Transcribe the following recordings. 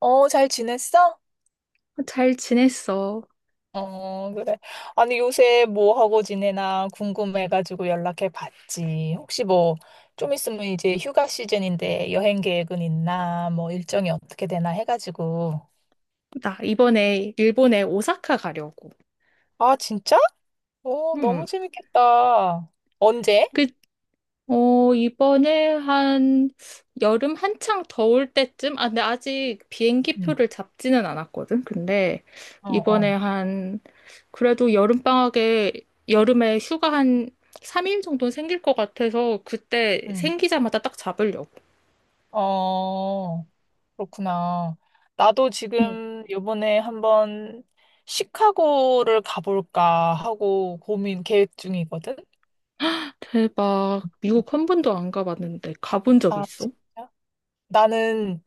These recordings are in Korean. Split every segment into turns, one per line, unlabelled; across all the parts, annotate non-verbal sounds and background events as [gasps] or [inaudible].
어, 잘 지냈어?
어, 잘 지냈어.
어, 그래. 아니, 요새 뭐 하고 지내나 궁금해가지고 연락해 봤지. 혹시 뭐, 좀 있으면 이제 휴가 시즌인데 여행 계획은 있나, 뭐 일정이 어떻게 되나 해가지고.
나 이번에 일본에 오사카 가려고.
아, 진짜? 어,
음.
너무 재밌겠다. 언제?
그, 어, 이번에 한 여름 한창 더울 때쯤? 아, 근데 아직 비행기
응.
표를 잡지는 않았거든.
어,
이번에
어.
한, 그래도 여름에 휴가 한 3일 정도 는 생길 것 같아서 그때
응.
생기자마자 딱 잡으려고.
어, 그렇구나. 나도
음.
지금 요번에 한번 시카고를 가볼까 하고 고민 계획 중이거든.
대박. 미국 한 번도 안 가봤는데 가본 적
아,
있어?
진짜? 나는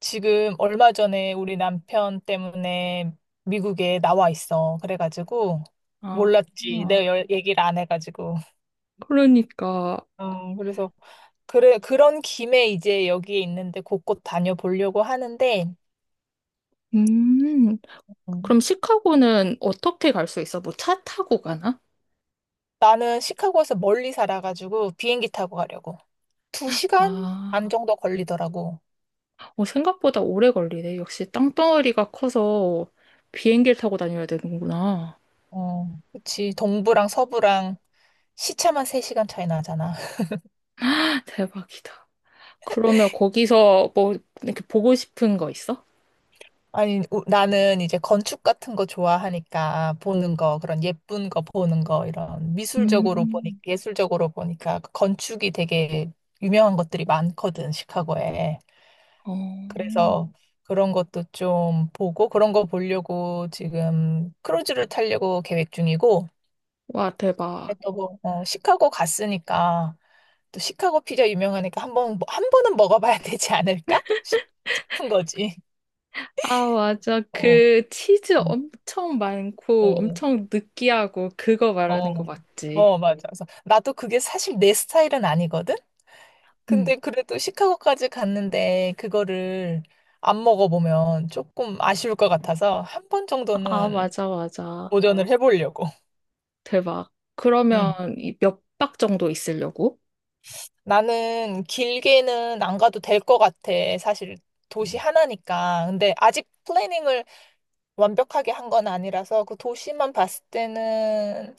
지금 얼마 전에 우리 남편 때문에 미국에 나와 있어. 그래가지고
아,
몰랐지. 내가
아.
얘기를 안 해가지고.
그러니까.
어, 그래서 그래 그런 김에 이제 여기에 있는데 곳곳 다녀보려고 하는데
음,
음,
그럼 시카고는 어떻게 갈 수 있어? 뭐 차 타고 가나?
나는 시카고에서 멀리 살아가지고 비행기 타고 가려고. 두 시간
아,
안 정도 걸리더라고.
어, 생각보다 오래 걸리네. 역시 땅덩어리가 커서 비행기를 타고 다녀야 되는구나. [gasps]
어, 그치. 동부랑 서부랑 시차만 세 시간 차이 나잖아.
[laughs] 대박이다. 그러면 거기서 뭐 이렇게 보고 싶은 거 있어?
아니, 나는 이제 건축 같은 거 좋아하니까 보는 거, 그런 예쁜 거 보는 거, 이런 미술적으로 보니,
음,
예술적으로 보니까 그 건축이 되게 유명한 것들이 많거든, 시카고에.
어,
그래서 그런 것도 좀 보고 그런 거 보려고 지금 크루즈를 타려고 계획 중이고,
와, 대박.
또 뭐, 어, 시카고 갔으니까 또 시카고 피자 유명하니까 한 번, 한 번은 먹어봐야 [laughs] 되지 않을까 싶은 거지.
아, 맞아.
어,
그 치즈
음,
엄청 많고
어.
엄청 느끼하고 그거 말하는 거
어,
맞지?
어, 맞아. 그래서 나도 그게 사실 내 스타일은 아니거든?
응.
근데 그래도 시카고까지 갔는데 그거를 안 먹어보면 조금 아쉬울 것 같아서 한 번
아,
정도는
맞아, 맞아.
도전을 해보려고.
대박. 그러면
음.
몇 박 정도 있으려고?
나는 길게는 안 가도 될 것 같아. 사실 도시 하나니까. 근데 아직 플래닝을 완벽하게 한 건 아니라서 그 도시만 봤을 때는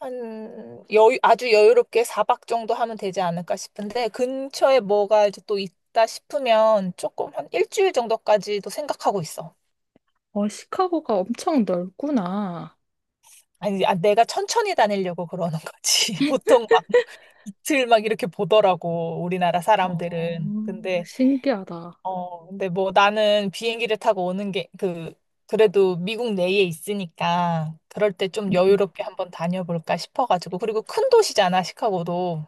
한 여유 아주 여유롭게 4박 정도 하면 되지 않을까 싶은데 근처에 뭐가 이제 또 있다 싶으면 조금 한 1주일 정도까지도 생각하고 있어.
어, 시카고가 엄청 넓구나.
아니, 아, 내가 천천히 다니려고 그러는 거지. [laughs] 보통 막뭐 이틀 막 이렇게 보더라고, 우리나라
어,
사람들은. 근데,
신기하다.
어, 근데 뭐 나는 비행기를 타고 오는 게, 그, 그래도 미국 내에 있으니까 그럴 때 좀
음,
여유롭게 한번 다녀볼까 싶어가지고. 그리고 큰 도시잖아, 시카고도.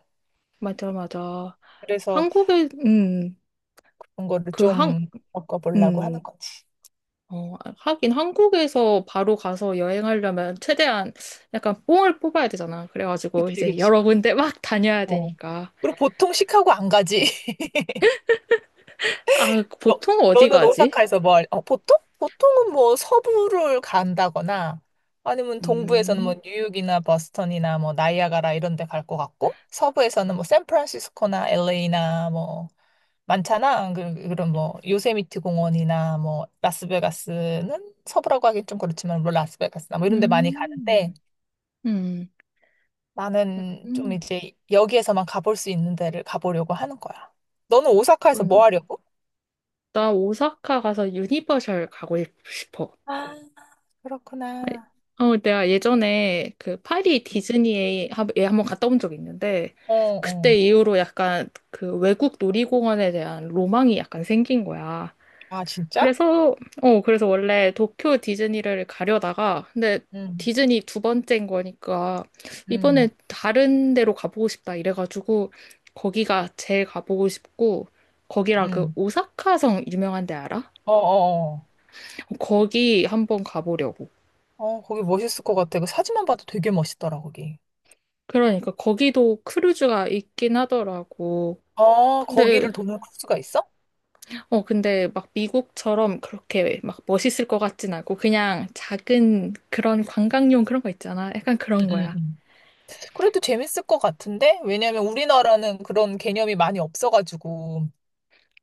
맞아, 맞아.
그래서
한국에, 음,
그런 거를
그 한,
좀 바꿔보려고
음,
하는 거지.
어, 하긴 한국에서 바로 가서 여행하려면 최대한 약간 뽕을 뽑아야 되잖아. 그래가지고
그치,
이제
그치.
여러 군데 [laughs] 막 다녀야
어.
되니까.
그리고 보통 시카고 안 가지. [laughs]
아,
너,
보통 어디
너는
가지?
오사카에서 뭘, 어, 보통? 보통은 뭐 서부를 간다거나 아니면 동부에서는 뭐
음,
뉴욕이나 버스턴이나 뭐 나이아가라 이런 데 갈 것 같고 서부에서는 뭐 샌프란시스코나 LA나 뭐 많잖아. 그, 그런 뭐 요세미티 공원이나 뭐 라스베가스는 서부라고 하긴 좀 그렇지만 뭐 라스베가스나 뭐 이런 데 많이
음,
가는데
음,
나는 좀 이제 여기에서만 가볼 수 있는 데를 가보려고 하는 거야. 너는 오사카에서
음.
뭐 하려고?
나 오사카 가서 유니버셜 가고 싶어.
아,
아니,
그렇구나.
어, 내가 예전에 그 파리 디즈니에 예, 한번 갔다 온 적이 있는데,
어,
그때
어.
이후로 약간 그 외국 놀이공원에 대한 로망이 약간 생긴 거야.
아, 진짜?
그래서, 그래서 원래 도쿄 디즈니를 가려다가, 근데
응,
디즈니 두 번째인 거니까, 이번에
응,
다른 데로 가보고 싶다 이래가지고, 거기가 제일 가보고 싶고, 거기랑 그
응.
오사카성 유명한 데 알아?
어, 어, 어.
거기 한번 가보려고.
어, 거기 멋있을 것 같아. 그 사진만 봐도 되게 멋있더라, 거기.
그러니까 거기도 크루즈가 있긴 하더라고.
어,
근데,
거기를 도는 코스가 있어?
어, 근데 막 미국처럼 그렇게 막 멋있을 것 같진 않고 그냥 작은 그런 관광용 그런 거 있잖아. 약간
응,
그런
응,
거야.
응. 그래도 재밌을 것 같은데? 왜냐면 우리나라는 그런 개념이 많이 없어가지고,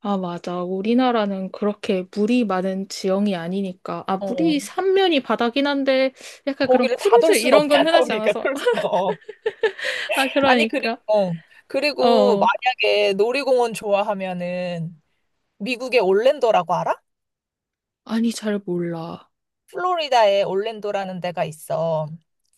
아, 맞아. 우리나라는 그렇게 물이 많은 지형이 아니니까. 아, 물이
어,
삼면이 바다긴 한데 약간 그런
거기를 다
크루즈
돌 순
이런 건
없잖아,
흔하지
우리가.
않아서.
그래서,
[laughs]
어.
아,
아니, 그리고,
그러니까.
어.
어,
그리고
어.
만약에 놀이공원 좋아하면은 미국의 올랜도라고 알아?
아니, 잘 몰라.
플로리다에 올랜도라는 데가 있어.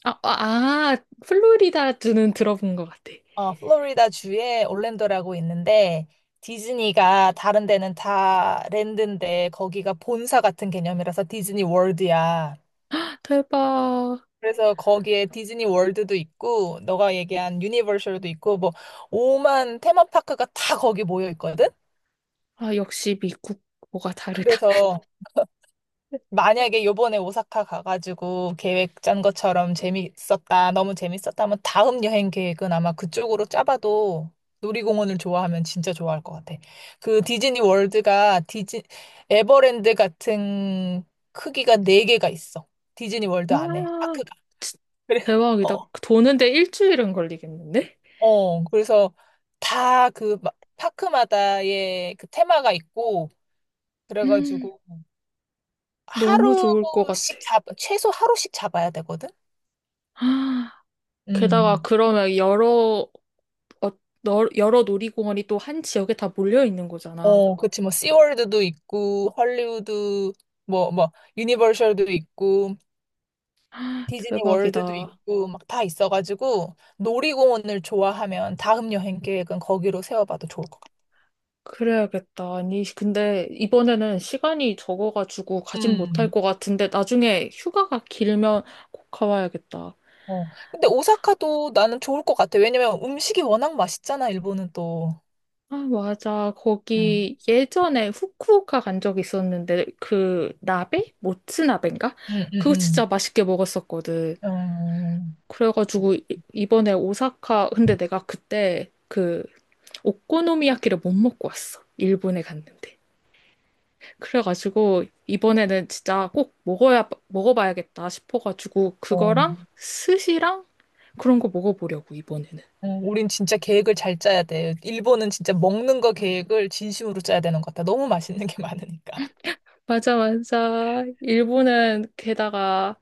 아, 아, 아, 플로리다주는 들어본 것 같아.
어, 플로리다 주에 올랜도라고 있는데 디즈니가 다른 데는 다 랜드인데 거기가 본사 같은 개념이라서 디즈니 월드야.
대박.
그래서 거기에 디즈니 월드도 있고 너가 얘기한 유니버셜도 있고 뭐 오만 테마파크가 다 거기 모여 있거든.
아, 역시 미국 뭐가 다르다.
그래서 만약에 요번에 오사카 가가지고 계획 짠 것처럼 재밌었다, 너무 재밌었다면 다음 여행 계획은 아마 그쪽으로 짜봐도 놀이공원을 좋아하면 진짜 좋아할 것 같아. 그 디즈니 월드가 디즈 에버랜드 같은 크기가 네개가 있어. 디즈니 월드 안에
와,
파크가.
진-
[laughs] 그래.
대박이다.
어.
도는데 일주일은 걸리겠는데?
어. 그래서 다 그 파크마다의 그 테마가 있고
음,
그래가지고
너무 좋을 것 같아.
하루씩 잡 최소 하루씩 잡아야 되거든.
아,
음.
게다가 그러면 어, 여러 놀이공원이 또 한 지역에 다 몰려 있는 거잖아.
어, 그치, 뭐, 씨월드도 있고, 헐리우드, 뭐, 유니버셜도 있고, 디즈니 월드도
대박이다.
있고, 막 다 있어가지고, 놀이공원을 좋아하면 다음 여행 계획은 거기로 세워봐도 좋을 것 같아.
그래야겠다. 아니, 근데 이번에는 시간이 적어가지고 가진
음.
못할 것 같은데 나중에 휴가가 길면 꼭 가봐야겠다.
어. 근데 오사카도 나는 좋을 것 같아. 왜냐면 음식이 워낙 맛있잖아, 일본은 또.
아, 맞아.
음.
거기 예전에 후쿠오카 간 적 있었는데, 그, 나베? 모츠나베인가?
음,
그거 진짜
음,
맛있게 먹었었거든.
음.
그래가지고, 이- 이번에 오사카, 근데 내가 그때 그, 오코노미야키를 못 먹고 왔어. 일본에 갔는데. 그래가지고, 이번에는 진짜 꼭 먹어봐야겠다 싶어가지고,
어,
그거랑
어.
스시랑 그런 거 먹어보려고, 이번에는.
어, 우린 진짜 계획을 잘 짜야 돼. 일본은 진짜 먹는 거 계획을 진심으로 짜야 되는 것 같아. 너무 맛있는 게 많으니까.
맞아, 맞아.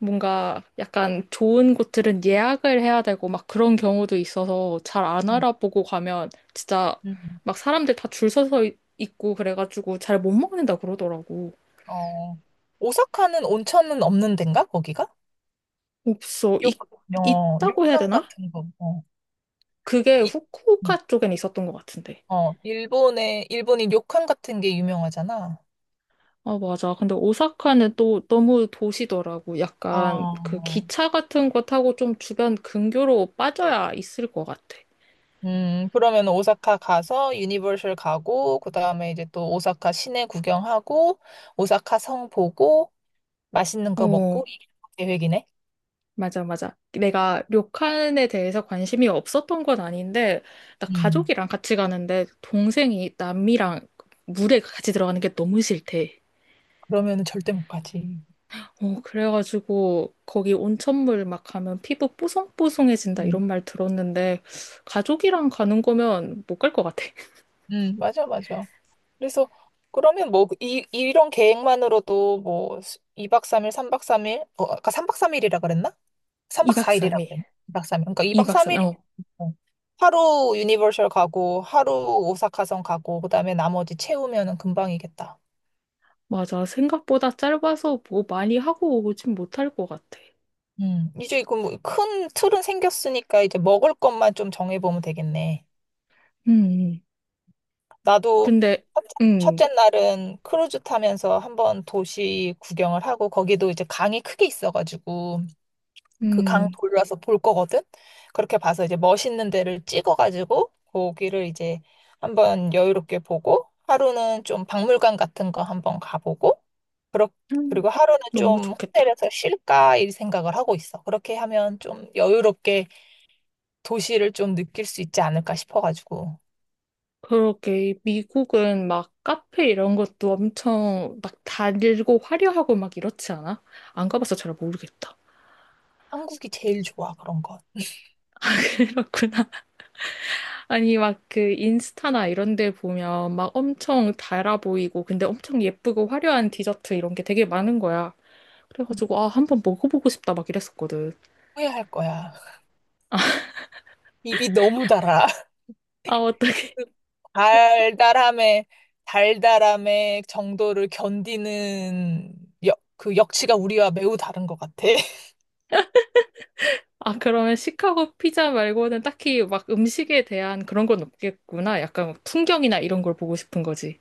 뭔가 약간 좋은 곳들은 예약을 해야 되고 막 그런 경우도 있어서 잘 안
음.
알아보고 가면 진짜
음.
막 사람들 다 줄 서서 있고 그래가지고 잘 못 먹는다 그러더라고.
어, 오사카는 온천은 없는 데인가, 거기가?
없어.
요- 어,
있다고 해야
료칸
되나?
같은 거. 어,
그게
이,
후쿠오카 쪽엔 있었던 것 같은데.
어, 일본이 료칸 같은 게 유명하잖아.
아, 맞아. 근데 오사카는 또 너무 도시더라고. 약간 그
어,
기차 같은 거 타고 좀 주변 근교로 빠져야 있을 것 같아.
그러면 오사카 가서 유니버셜 가고, 그 다음에 이제 또 오사카 시내 구경하고, 오사카 성 보고, 맛있는 거
어,
먹고, 이게 계획이네?
맞아, 맞아. 내가 료칸에 대해서 관심이 없었던 건 아닌데, 나
음,
가족이랑 같이 가는데, 동생이 남미랑 물에 같이 들어가는 게 너무 싫대.
그러면 절대 못 가지.
어, 그래가지고, 거기 온천물 막 가면 피부 뽀송뽀송해진다,
음,
이런 말 들었는데, 가족이랑 가는 거면 못 갈 것 같아. [laughs]
맞아, 맞아. 그래서 그러면 뭐 이런 계획만으로도 뭐 2박 3일, 3박 3일, 어, 아까 3박 3일이라 그랬나? 3박
2박
4일이라
3일.
그랬나? 이 박 삼일 그러니까 이박
2박
삼 일
3일.
이
어,
면 하루 유니버셜 가고 하루 오사카성 가고 그다음에 나머지 채우면은 금방이겠다.
맞아. 생각보다 짧아서 뭐 많이 하고 오진 못할 것 같아.
음. 이제 그 뭐 큰 틀은 생겼으니까 이제 먹을 것만 좀 정해보면 되겠네.
음,
나도
근데,
첫째
음,
첫째 날은 크루즈 타면서 한번 도시 구경을 하고 거기도 이제 강이 크게 있어가지고 그 강
음,
돌려서 볼 거거든. 그렇게 봐서 이제 멋있는 데를 찍어가지고 거기를 이제 한번 여유롭게 보고 하루는 좀 박물관 같은 거 한번 가보고 그렇
음.
그리고 하루는
너무
좀
좋겠다.
호텔에서 쉴까 이 생각을 하고 있어. 그렇게 하면 좀 여유롭게 도시를 좀 느낄 수 있지 않을까 싶어가지고.
그러게 미국은 막 카페 이런 것도 엄청 막 달고 화려하고 막 이렇지 않아? 안 가봐서 잘 모르겠다.
한국이 제일 좋아 그런 건.
[laughs] 그렇구나. 아니 막 그 인스타나 이런 데 보면 막 엄청 달아 보이고 근데 엄청 예쁘고 화려한 디저트 이런 게 되게 많은 거야. 그래가지고 아 한번 먹어보고 싶다 막 이랬었거든.
후회할 거야. 입이 너무 달아.
아 어떡해.
그 달달함의 달달함의 정도를 견디는 그 역치가 우리와 매우 다른 것 같아. [laughs]
[laughs] 아 그러면 시카고 피자 말고는 딱히 막 음식에 대한 그런 건 없겠구나. 약간 뭐 풍경이나 이런 걸 보고 싶은 거지.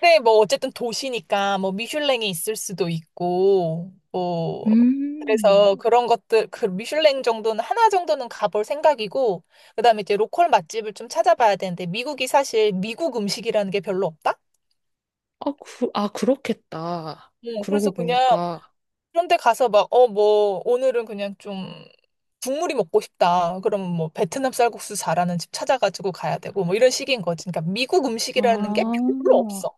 근데 뭐 어쨌든 도시니까 뭐 미슐랭이 있을 수도 있고 뭐
음.
그래서 그런 것들 그 미슐랭 정도는 하나 정도는 가볼 생각이고 그다음에 이제 로컬 맛집을 좀 찾아봐야 되는데 미국이 사실 미국 음식이라는 게 별로 없다.
아, 아, 그렇겠다.
응, 그래서
그러고
그냥
보니까.
그런데 가서 막, 어, 뭐, 오늘은 그냥 좀 국물이 먹고 싶다. 그러면 뭐, 베트남 쌀국수 잘하는 집 찾아가지고 가야 되고, 뭐, 이런 식인 거지. 그러니까 미국 음식이라는 게 별로
아,
없어.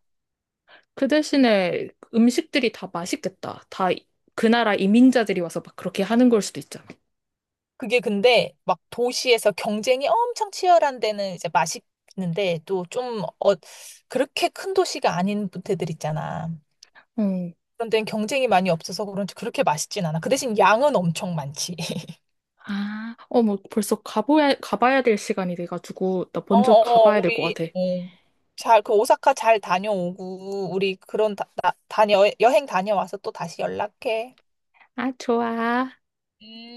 그 대신에 음식들이 다 맛있겠다. 다 그 나라 이민자들이 와서 막 그렇게 하는 걸 수도 있잖아.
그게 근데 막 도시에서 경쟁이 엄청 치열한 데는 이제 맛있는데, 또 좀, 어, 그렇게 큰 도시가 아닌 부대들 있잖아.
응.
그런 데는 경쟁이 많이 없어서 그런지 그렇게 맛있진 않아. 그 대신 양은 엄청 많지.
아, 어, 뭐 벌써 가봐야 될 시간이 돼가지고, 나
어,
먼저
어,
가봐야 될 것
우리,
같아.
어, 잘, 그 오사카 잘 다녀오고, 우리 그런 여행 다녀와서 또 다시 연락해.
아, 좋아.
음.